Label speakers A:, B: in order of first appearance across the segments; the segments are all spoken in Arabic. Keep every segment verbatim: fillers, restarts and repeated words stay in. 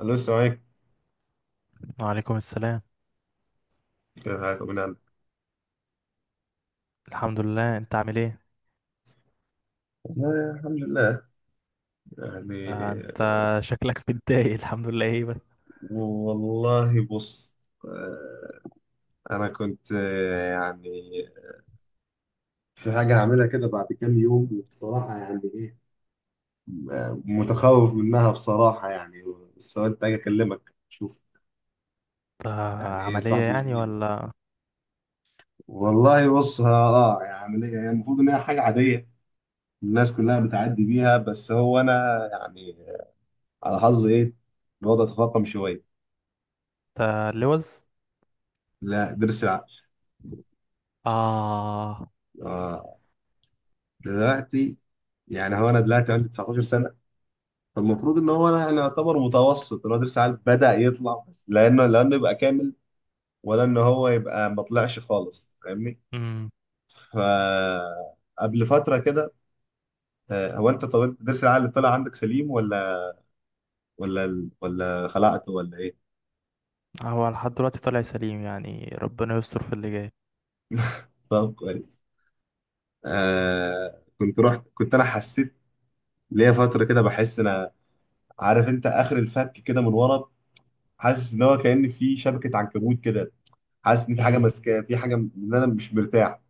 A: أنا لسه معاك.
B: وعليكم السلام.
A: حاجة من عندك.
B: الحمد لله، انت عامل ايه؟
A: والله الحمد لله يعني.
B: ده انت شكلك متضايق. الحمد لله ايه بس؟
A: والله بص. آه، أنا كنت، آه، يعني في حاجة هعملها كده بعد كام يوم، وبصراحة يعني إيه، آه، متخوف منها بصراحة يعني. بس قلت أجي أكلمك، شوف
B: ده
A: يعني إيه،
B: عملية
A: صاحبي
B: يعني
A: وزميلي.
B: ولا
A: والله بص. ها- آه يعني هي المفروض إن هي حاجة عادية، الناس كلها بتعدي بيها، بس هو أنا يعني على حظي إيه، الوضع تفاقم شوية.
B: ده اللوز؟
A: لا، درس العقل.
B: اه.
A: آه، دلوقتي، يعني هو انا دلوقتي عندي تسعة عشر سنه. فالمفروض ان هو انا أنا يعتبر متوسط، اللي هو درس عالي بدا يطلع، بس لانه لانه يبقى كامل، ولا ان هو يبقى ما طلعش خالص، فاهمني؟
B: امم،
A: ف، قبل فتره كده، آه، هو انت، طب انت درس العقل طلع عندك سليم، ولا ولا ولا خلعته، ولا ايه؟
B: هو لحد دلوقتي طالع سليم، يعني ربنا يستر في اللي جاي.
A: طب كويس. آه كنت رحت، كنت انا حسيت ليا فتره كده بحس انا، عارف انت اخر الفك كده من ورا، حاسس ان هو كأن في شبكه عنكبوت كده، حاسس ان في حاجه
B: امم،
A: ماسكاه، في حاجه م- ان انا مش مرتاح.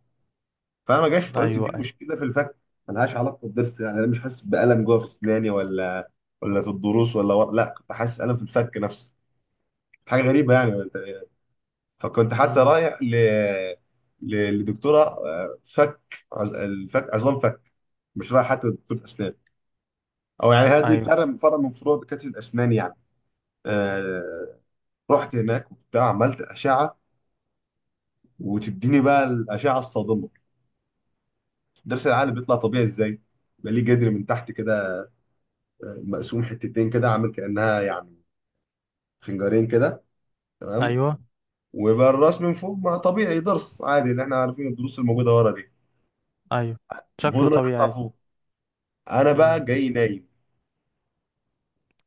A: فانا ما جاش
B: ايوه
A: قلت دي
B: ايوه.
A: مشكله في الفك، ملهاش علاقه بالضرس، يعني انا مش حاسس بالم جوه في اسناني، ولا ولا في الضروس ولا ورا. لا، كنت حاسس الم في الفك نفسه، حاجه غريبه يعني. فكنت حتى
B: امم،
A: رايح ل... ل... لدكتوره آه، فك، عز... الفك، عظام فك، مش رايح حتى لدكتوره اسنان. او يعني هذه
B: ايوه
A: فرع فرع من فروع دكاتره الاسنان يعني. آه... رحت هناك وبتاع، عملت اشعه، وتديني بقى الاشعه الصادمه. درس العقل بيطلع طبيعي ازاي؟ يبقى ليه جدر من تحت كده، آه، مقسوم حتتين كده، عامل كأنها يعني خنجرين كده، تمام.
B: ايوه
A: ويبقى الراس من فوق ما طبيعي، درس عادي اللي احنا عارفين الدروس الموجودة ورا دي،
B: ايوه.
A: المفروض
B: شكله
A: انه يطلع
B: طبيعي.
A: فوق. انا
B: امم.
A: بقى جاي نايم.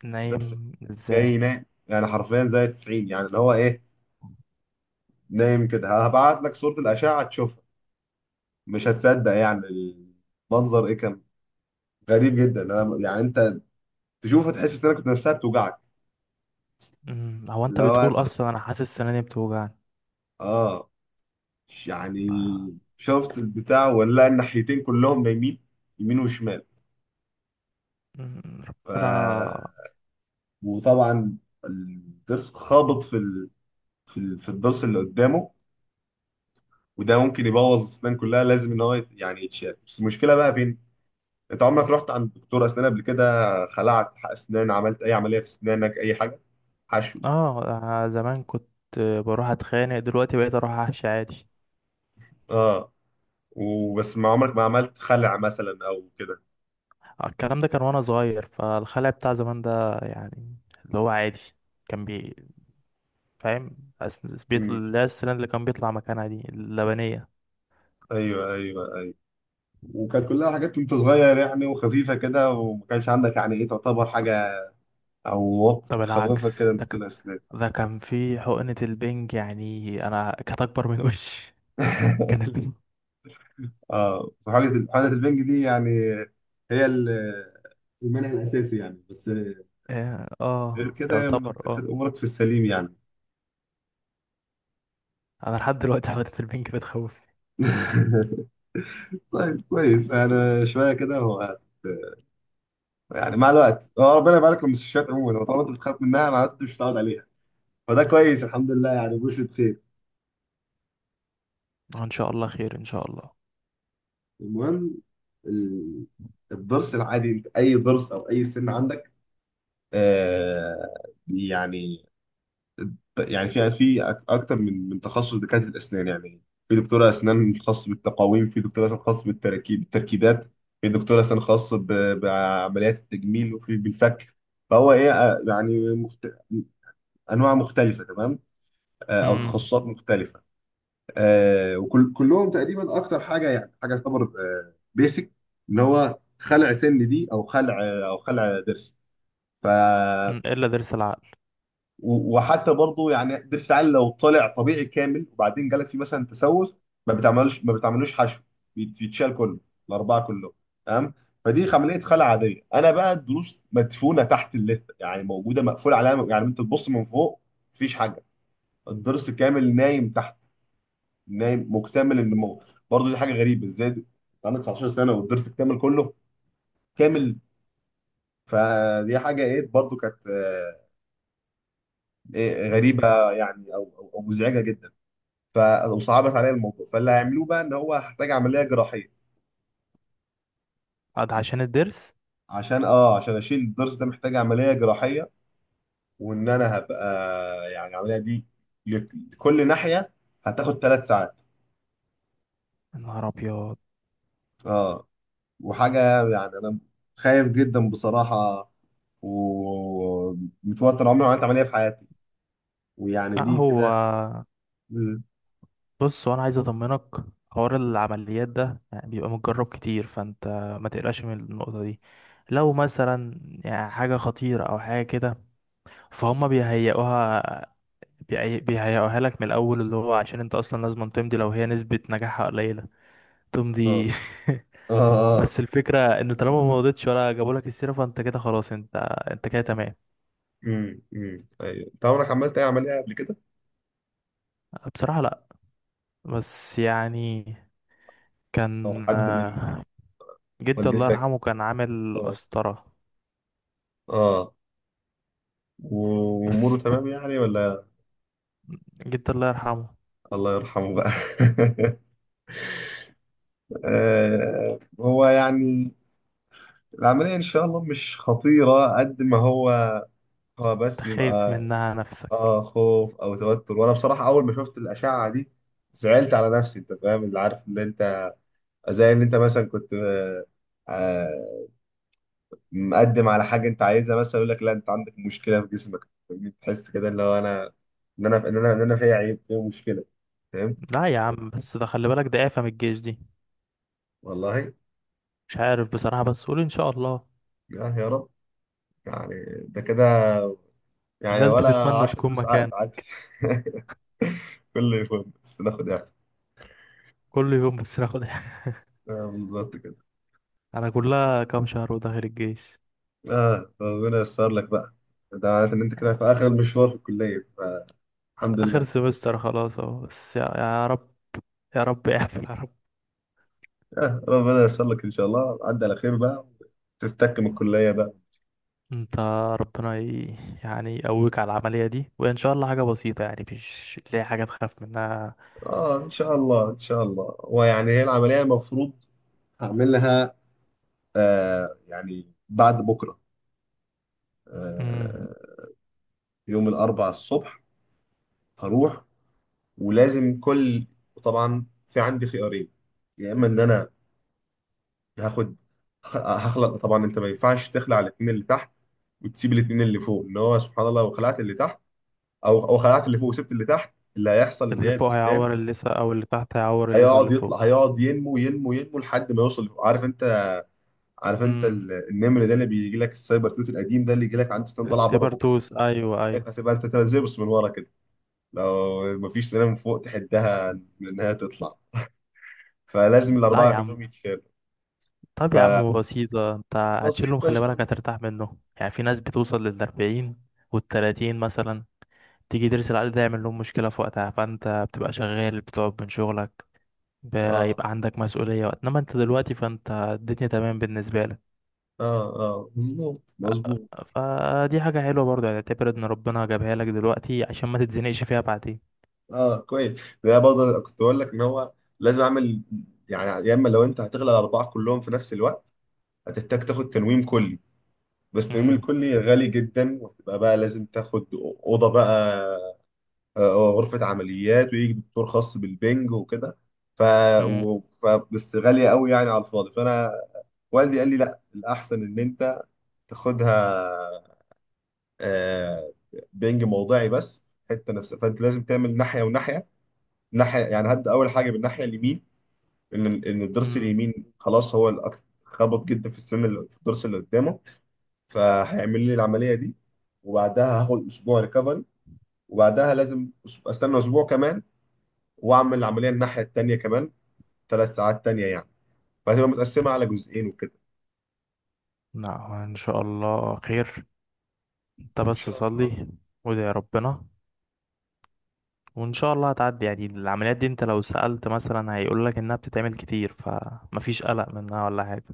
B: نايم ازاي؟
A: جاي نايم يعني حرفيا زي تسعين، يعني اللي هو ايه، نايم كده. هبعت لك صورة الأشعة تشوفها، مش هتصدق يعني. المنظر ايه كان غريب جدا. أنا- يعني انت تشوفه تحس انك كنت نفسها بتوجعك.
B: امم، هو انت
A: اللي هو
B: بتقول
A: تحس-
B: اصلا انا حاسس سناني بتوجعني.
A: اه. يعني
B: آه،
A: شفت البتاع؟ ولا الناحيتين كلهم نايمين، يمين وشمال.
B: مم،
A: ف...
B: ربنا.
A: وطبعا الضرس خابط في ال... في ال... في الضرس اللي قدامه، وده ممكن يبوظ الاسنان كلها. لازم ان هو يت- يعني يتشال، بس المشكله بقى فين؟ انت عمرك رحت عند دكتور اسنان قبل كده؟ خلعت اسنان؟ عملت اي عمليه في اسنانك؟ اي حاجه؟ حشو؟
B: اه، آه، زمان كنت بروح اتخانق، دلوقتي بقيت اروح احشي عادي.
A: اه. وبس، ما عمرك ما عملت خلع مثلا او كده؟
B: آه، الكلام ده كان وانا صغير، فالخلع بتاع زمان ده يعني اللي هو عادي. كان بي، فاهم، أس- بيطلع
A: امم.
B: لا السنان اللي كان بيطلع مكانها دي اللبنية.
A: ايوه ايوه ايوه. وكانت كلها حاجات وانت صغير يعني، وخفيفه كده، وما كانش عندك يعني ايه تعتبر حاجه، او وقت
B: طب
A: تخوفك
B: العكس
A: كده انك
B: ده ك...
A: تقول اسنان.
B: ده كان في حقنة البنج، يعني انا كانت اكبر من وشي. كان ال...
A: اه. وحاجه حاجه البنج دي يعني، هي ال- المنع الاساسي يعني، بس
B: اه،
A: غير
B: آه،
A: كده
B: يعتبر
A: كانت
B: اه.
A: امورك في السليم يعني.
B: انا لحد دلوقتي حقنة البنج بتخوف.
A: طيب كويس. انا شويه كده، هو يعني مع الوقت، هو ربنا يبارك لك، المستشفيات عموما هو طالما انت بتخاف منها، معناته انت مش هتقعد عليها. فده كويس الحمد لله يعني، بشرة خير.
B: آه، ان شاء الله خير ان شاء الله.
A: المهم، ال- الضرس العادي، انت اي ضرس او اي سن عندك، آه يعني، يعني في في أك- اكتر من من تخصص دكاتره الاسنان يعني. في دكتوره اسنان خاص بالتقاويم، في دكتوره اسنان خاص بالتركيب، بالتركيبات، في دكتوره اسنان خاص ب- بعمليات التجميل، وفي بالفك. فهو ايه، آه، يعني مخت... انواع مختلفه، تمام، آه، او
B: امم،
A: تخصصات مختلفه. آه وكل كلهم تقريبا اكتر حاجه، يعني حاجه تعتبر آه بيسك، اللي هو خلع سن دي، او خلع، او خلع ضرس. ف،
B: إمم، الا ضرس العقل.
A: و- وحتى برضو يعني ضرس عال لو طلع طبيعي كامل، وبعدين جالك فيه مثلا تسوس، ما بتعملوش ما بتعملوش حشو، بيت- بيتشال كله، الاربعه كلهم، تمام. فدي عمليه خلع عاديه. انا بقى الضروس مدفونه تحت اللثه، يعني موجوده مقفول عليها، يعني انت تبص من فوق مفيش حاجه، الضرس كامل نايم تحت، نايم مكتمل النمو. برضه دي حاجه غريبه، ازاي انت عندك تسعة عشر سنه والضرس الكامل كله كامل؟ فدي حاجه ايه، برضه كانت آه، إيه
B: امم.
A: غريبه يعني، او او أو مزعجه جدا. ف- وصعبت عليا الموضوع. فاللي هيعملوه بقى ان هو هحتاج عمليه جراحيه،
B: قاعد عشان الضرس؟
A: عشان اه عشان اشيل الضرس ده، محتاج عمليه جراحيه. وان انا هبقى يعني العمليه دي، لك- لكل ناحيه هتاخد ثلاث ساعات.
B: يا نهار ابيض.
A: اه، وحاجه يعني انا خايف جدا بصراحه، ومتوتر، عمري ما عملت عملية في حياتي، ويعني
B: لا،
A: دي
B: هو
A: كده. مم.
B: بص وانا عايز اطمنك. حوار العمليات ده يعني بيبقى متجرب كتير، فانت ما تقلقش من النقطة دي. لو مثلا يعني حاجة خطيرة او حاجة كده فهم بيهيئوها، بيهي- بيهيئوها لك من الاول، اللي هو عشان انت اصلا لازم تمضي لو هي نسبة نجاحها قليلة.
A: اه
B: تمضي.
A: اه اه.
B: بس الفكرة ان طالما ما مضيتش ولا جابوا لك السيرة فانت كده خلاص. انت انت كده تمام.
A: امم امم، ايوه. انت عمرك عملت اي عملية قبل كده؟
B: بصراحة لا. بس يعني
A: او
B: كان
A: حد من،
B: جدي الله
A: والدتك؟
B: يرحمه كان عامل
A: اه
B: قسطرة.
A: اه. واموره
B: بس
A: تمام يعني ولا؟
B: جدي الله يرحمه.
A: الله يرحمه بقى. آه، هو يعني العملية ان شاء الله مش خطيرة قد ما هو، هو
B: انت
A: بس
B: خايف
A: بيبقى
B: منها نفسك.
A: اه خوف او توتر. وانا بصراحة اول ما شفت الاشعة دي زعلت على نفسي، انت فاهم اللي عارف، اللي انت زي ان انت مثلا كنت، آه، آه، مقدم على حاجه انت عايزها مثلا، يقول لك لا انت عندك مشكله في جسمك، تحس كده اللي هو انا، ان انا ان انا ان انا فيا عيب، فيا مشكله، فهمت.
B: لا يا عم، بس ده خلي بالك ده آفة من الجيش دي.
A: والله يا،
B: مش عارف بصراحة، بس قول إن شاء الله.
A: يا رب يعني، ده كده يعني،
B: الناس
A: ولا
B: بتتمنى
A: عشرة
B: تكون
A: دروس عقل
B: مكان
A: عادي. كل يوم بس ناخد يعني،
B: كل يوم بس ناخد.
A: آه بالظبط كده.
B: أنا كلها كام شهر وداخل الجيش.
A: اه ربنا ييسر لك بقى، ده معناته ان انت كده في اخر المشوار في الكليه، فالحمد
B: آخر
A: لله.
B: سمستر خلاص أهو. بس يا, يا رب، يا رب اقفل يا رب.
A: آه ربنا ييسر لك ان شاء الله، عدى على خير بقى، تفتك من الكليه بقى.
B: انت، ربنا ي... يعني يقويك على العملية دي، وإن شاء الله حاجة بسيطة يعني مش تلاقي حاجة تخاف منها.
A: اه ان شاء الله، ان شاء الله. ويعني هي العمليه المفروض هعمل لها، آه يعني بعد بكره،
B: مم.
A: آه، يوم الاربعاء الصبح هروح. ولازم كل، طبعا في عندي خيارين، يا اما ان انا هاخد، هخلق. طبعا انت ما ينفعش تخلع الاثنين اللي تحت وتسيب الاثنين اللي فوق، اللي هو سبحان الله لو خلعت اللي تحت، او او خلعت اللي فوق وسبت اللي تحت، اللي هيحصل ان
B: اللي
A: هي
B: فوق
A: الاسنان
B: هيعور الليسا او اللي تحت هيعور الليسا اللي
A: هيقعد يطلع،
B: فوق.
A: هيقعد ينمو ينمو ينمو لحد ما يوصل. عارف انت، عارف انت
B: امم،
A: ال- النمر ده اللي بيجي لك السايبر توت القديم ده، اللي يجي لك عند سنان طالعه بره بقه دي،
B: السيبرتوث ايوه ايوه.
A: هتبقى انت تبقى زي، بس من ورا كده، لو مفيش سنان من فوق تحدها من انها تطلع، فلازم
B: لا
A: الاربعه
B: يا عم،
A: كلهم يتشالوا.
B: طب يا عم بسيطة، انت هتشيلهم
A: فبسيطه ان
B: خلي
A: شاء
B: بالك،
A: الله.
B: هترتاح منهم. يعني في ناس بتوصل للأربعين والتلاتين مثلا، تيجي ترسل عليه ده يعمل لهم مشكلة في وقتها، فانت بتبقى شغال، بتقعد من شغلك،
A: اه
B: بيبقى عندك مسؤولية وقت. انما انت دلوقتي فانت الدنيا تمام بالنسبة لك.
A: اه اه. مظبوط مظبوط.
B: فدي حاجة حلوة برضه يعني، اعتبر ان ربنا جابها لك دلوقتي عشان ما تتزنقش فيها بعدين.
A: اه كويس. ده برضه كنت بقول لك ان هو لازم اعمل يعني، يا اما لو انت هتغلى الاربعه كلهم في نفس الوقت، هتحتاج تاخد تنويم كلي. بس التنويم الكلي غالي جدا، وهتبقى بقى لازم تاخد اوضه بقى، آه، غرفة عمليات، ويجي دكتور خاص بالبنج وكده. ف... و... ف... بس غالية قوي يعني على الفاضي. فأنا والدي قال لي لا، الأحسن إن أنت تاخدها، آه، بنج موضعي بس، حتة نفسها، فأنت لازم تعمل ناحية وناحية. ناحية يعني هبدأ أول حاجة بالناحية اليمين، إن إن الضرس
B: امم.
A: اليمين خلاص هو الأكثر خبط جدا في السن اللي في الضرس اللي قدامه. فهيعمل لي العملية دي، وبعدها هاخد أسبوع ريكفري، وبعدها لازم أس- استنى اسبوع كمان، واعمل العمليه الناحيه التانيه كمان، ثلاث ساعات تانيه يعني، فهتبقى متقسمه على جزئين وكده.
B: لا هو ان شاء الله خير. انت
A: ان
B: بس
A: شاء الله.
B: صلي وادعي يا ربنا، وان شاء الله هتعدي يعني. العمليات دي انت لو سألت مثلا هيقول لك انها بتتعمل كتير، فمفيش قلق منها ولا حاجة.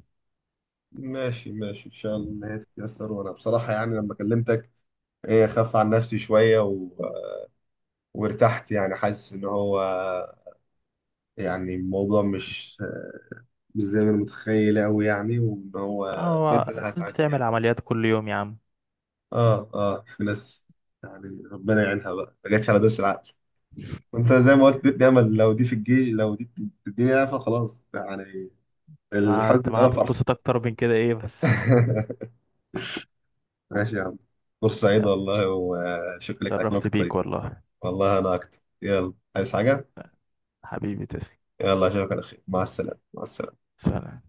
A: ماشي ماشي ان شاء الله إن هي تتيسر، وانا بصراحه يعني لما كلمتك، ايه، خف عن نفسي شويه و... وارتحت يعني، حاسس ان هو يعني الموضوع مش، مش زي ما انا متخيل قوي يعني، وان هو باذن
B: هو
A: الله
B: الناس
A: هتعدي
B: بتعمل
A: يعني.
B: عمليات كل يوم يا عم.
A: اه اه. في ناس يعني ربنا يعينها بقى، ما جاتش على دوس العقل. وانت زي ما قلت، دي امل، لو دي في الجيش، لو دي في الدنيا فخلاص يعني،
B: آه، انت
A: الحزن
B: ما
A: اتقلب فرحه.
B: هتتبسط اكتر من كده ايه بس؟
A: ماشي يا عم، فرصة سعيدة
B: يلا،
A: والله، وشكرا لك على كلامك
B: شرفت
A: الطيب.
B: بيك والله.
A: والله أنا أكتر. يلا عايز حاجة؟
B: حبيبي تسلم.
A: يلا أشوفك على خير، مع السلامة مع السلامة.
B: سلام.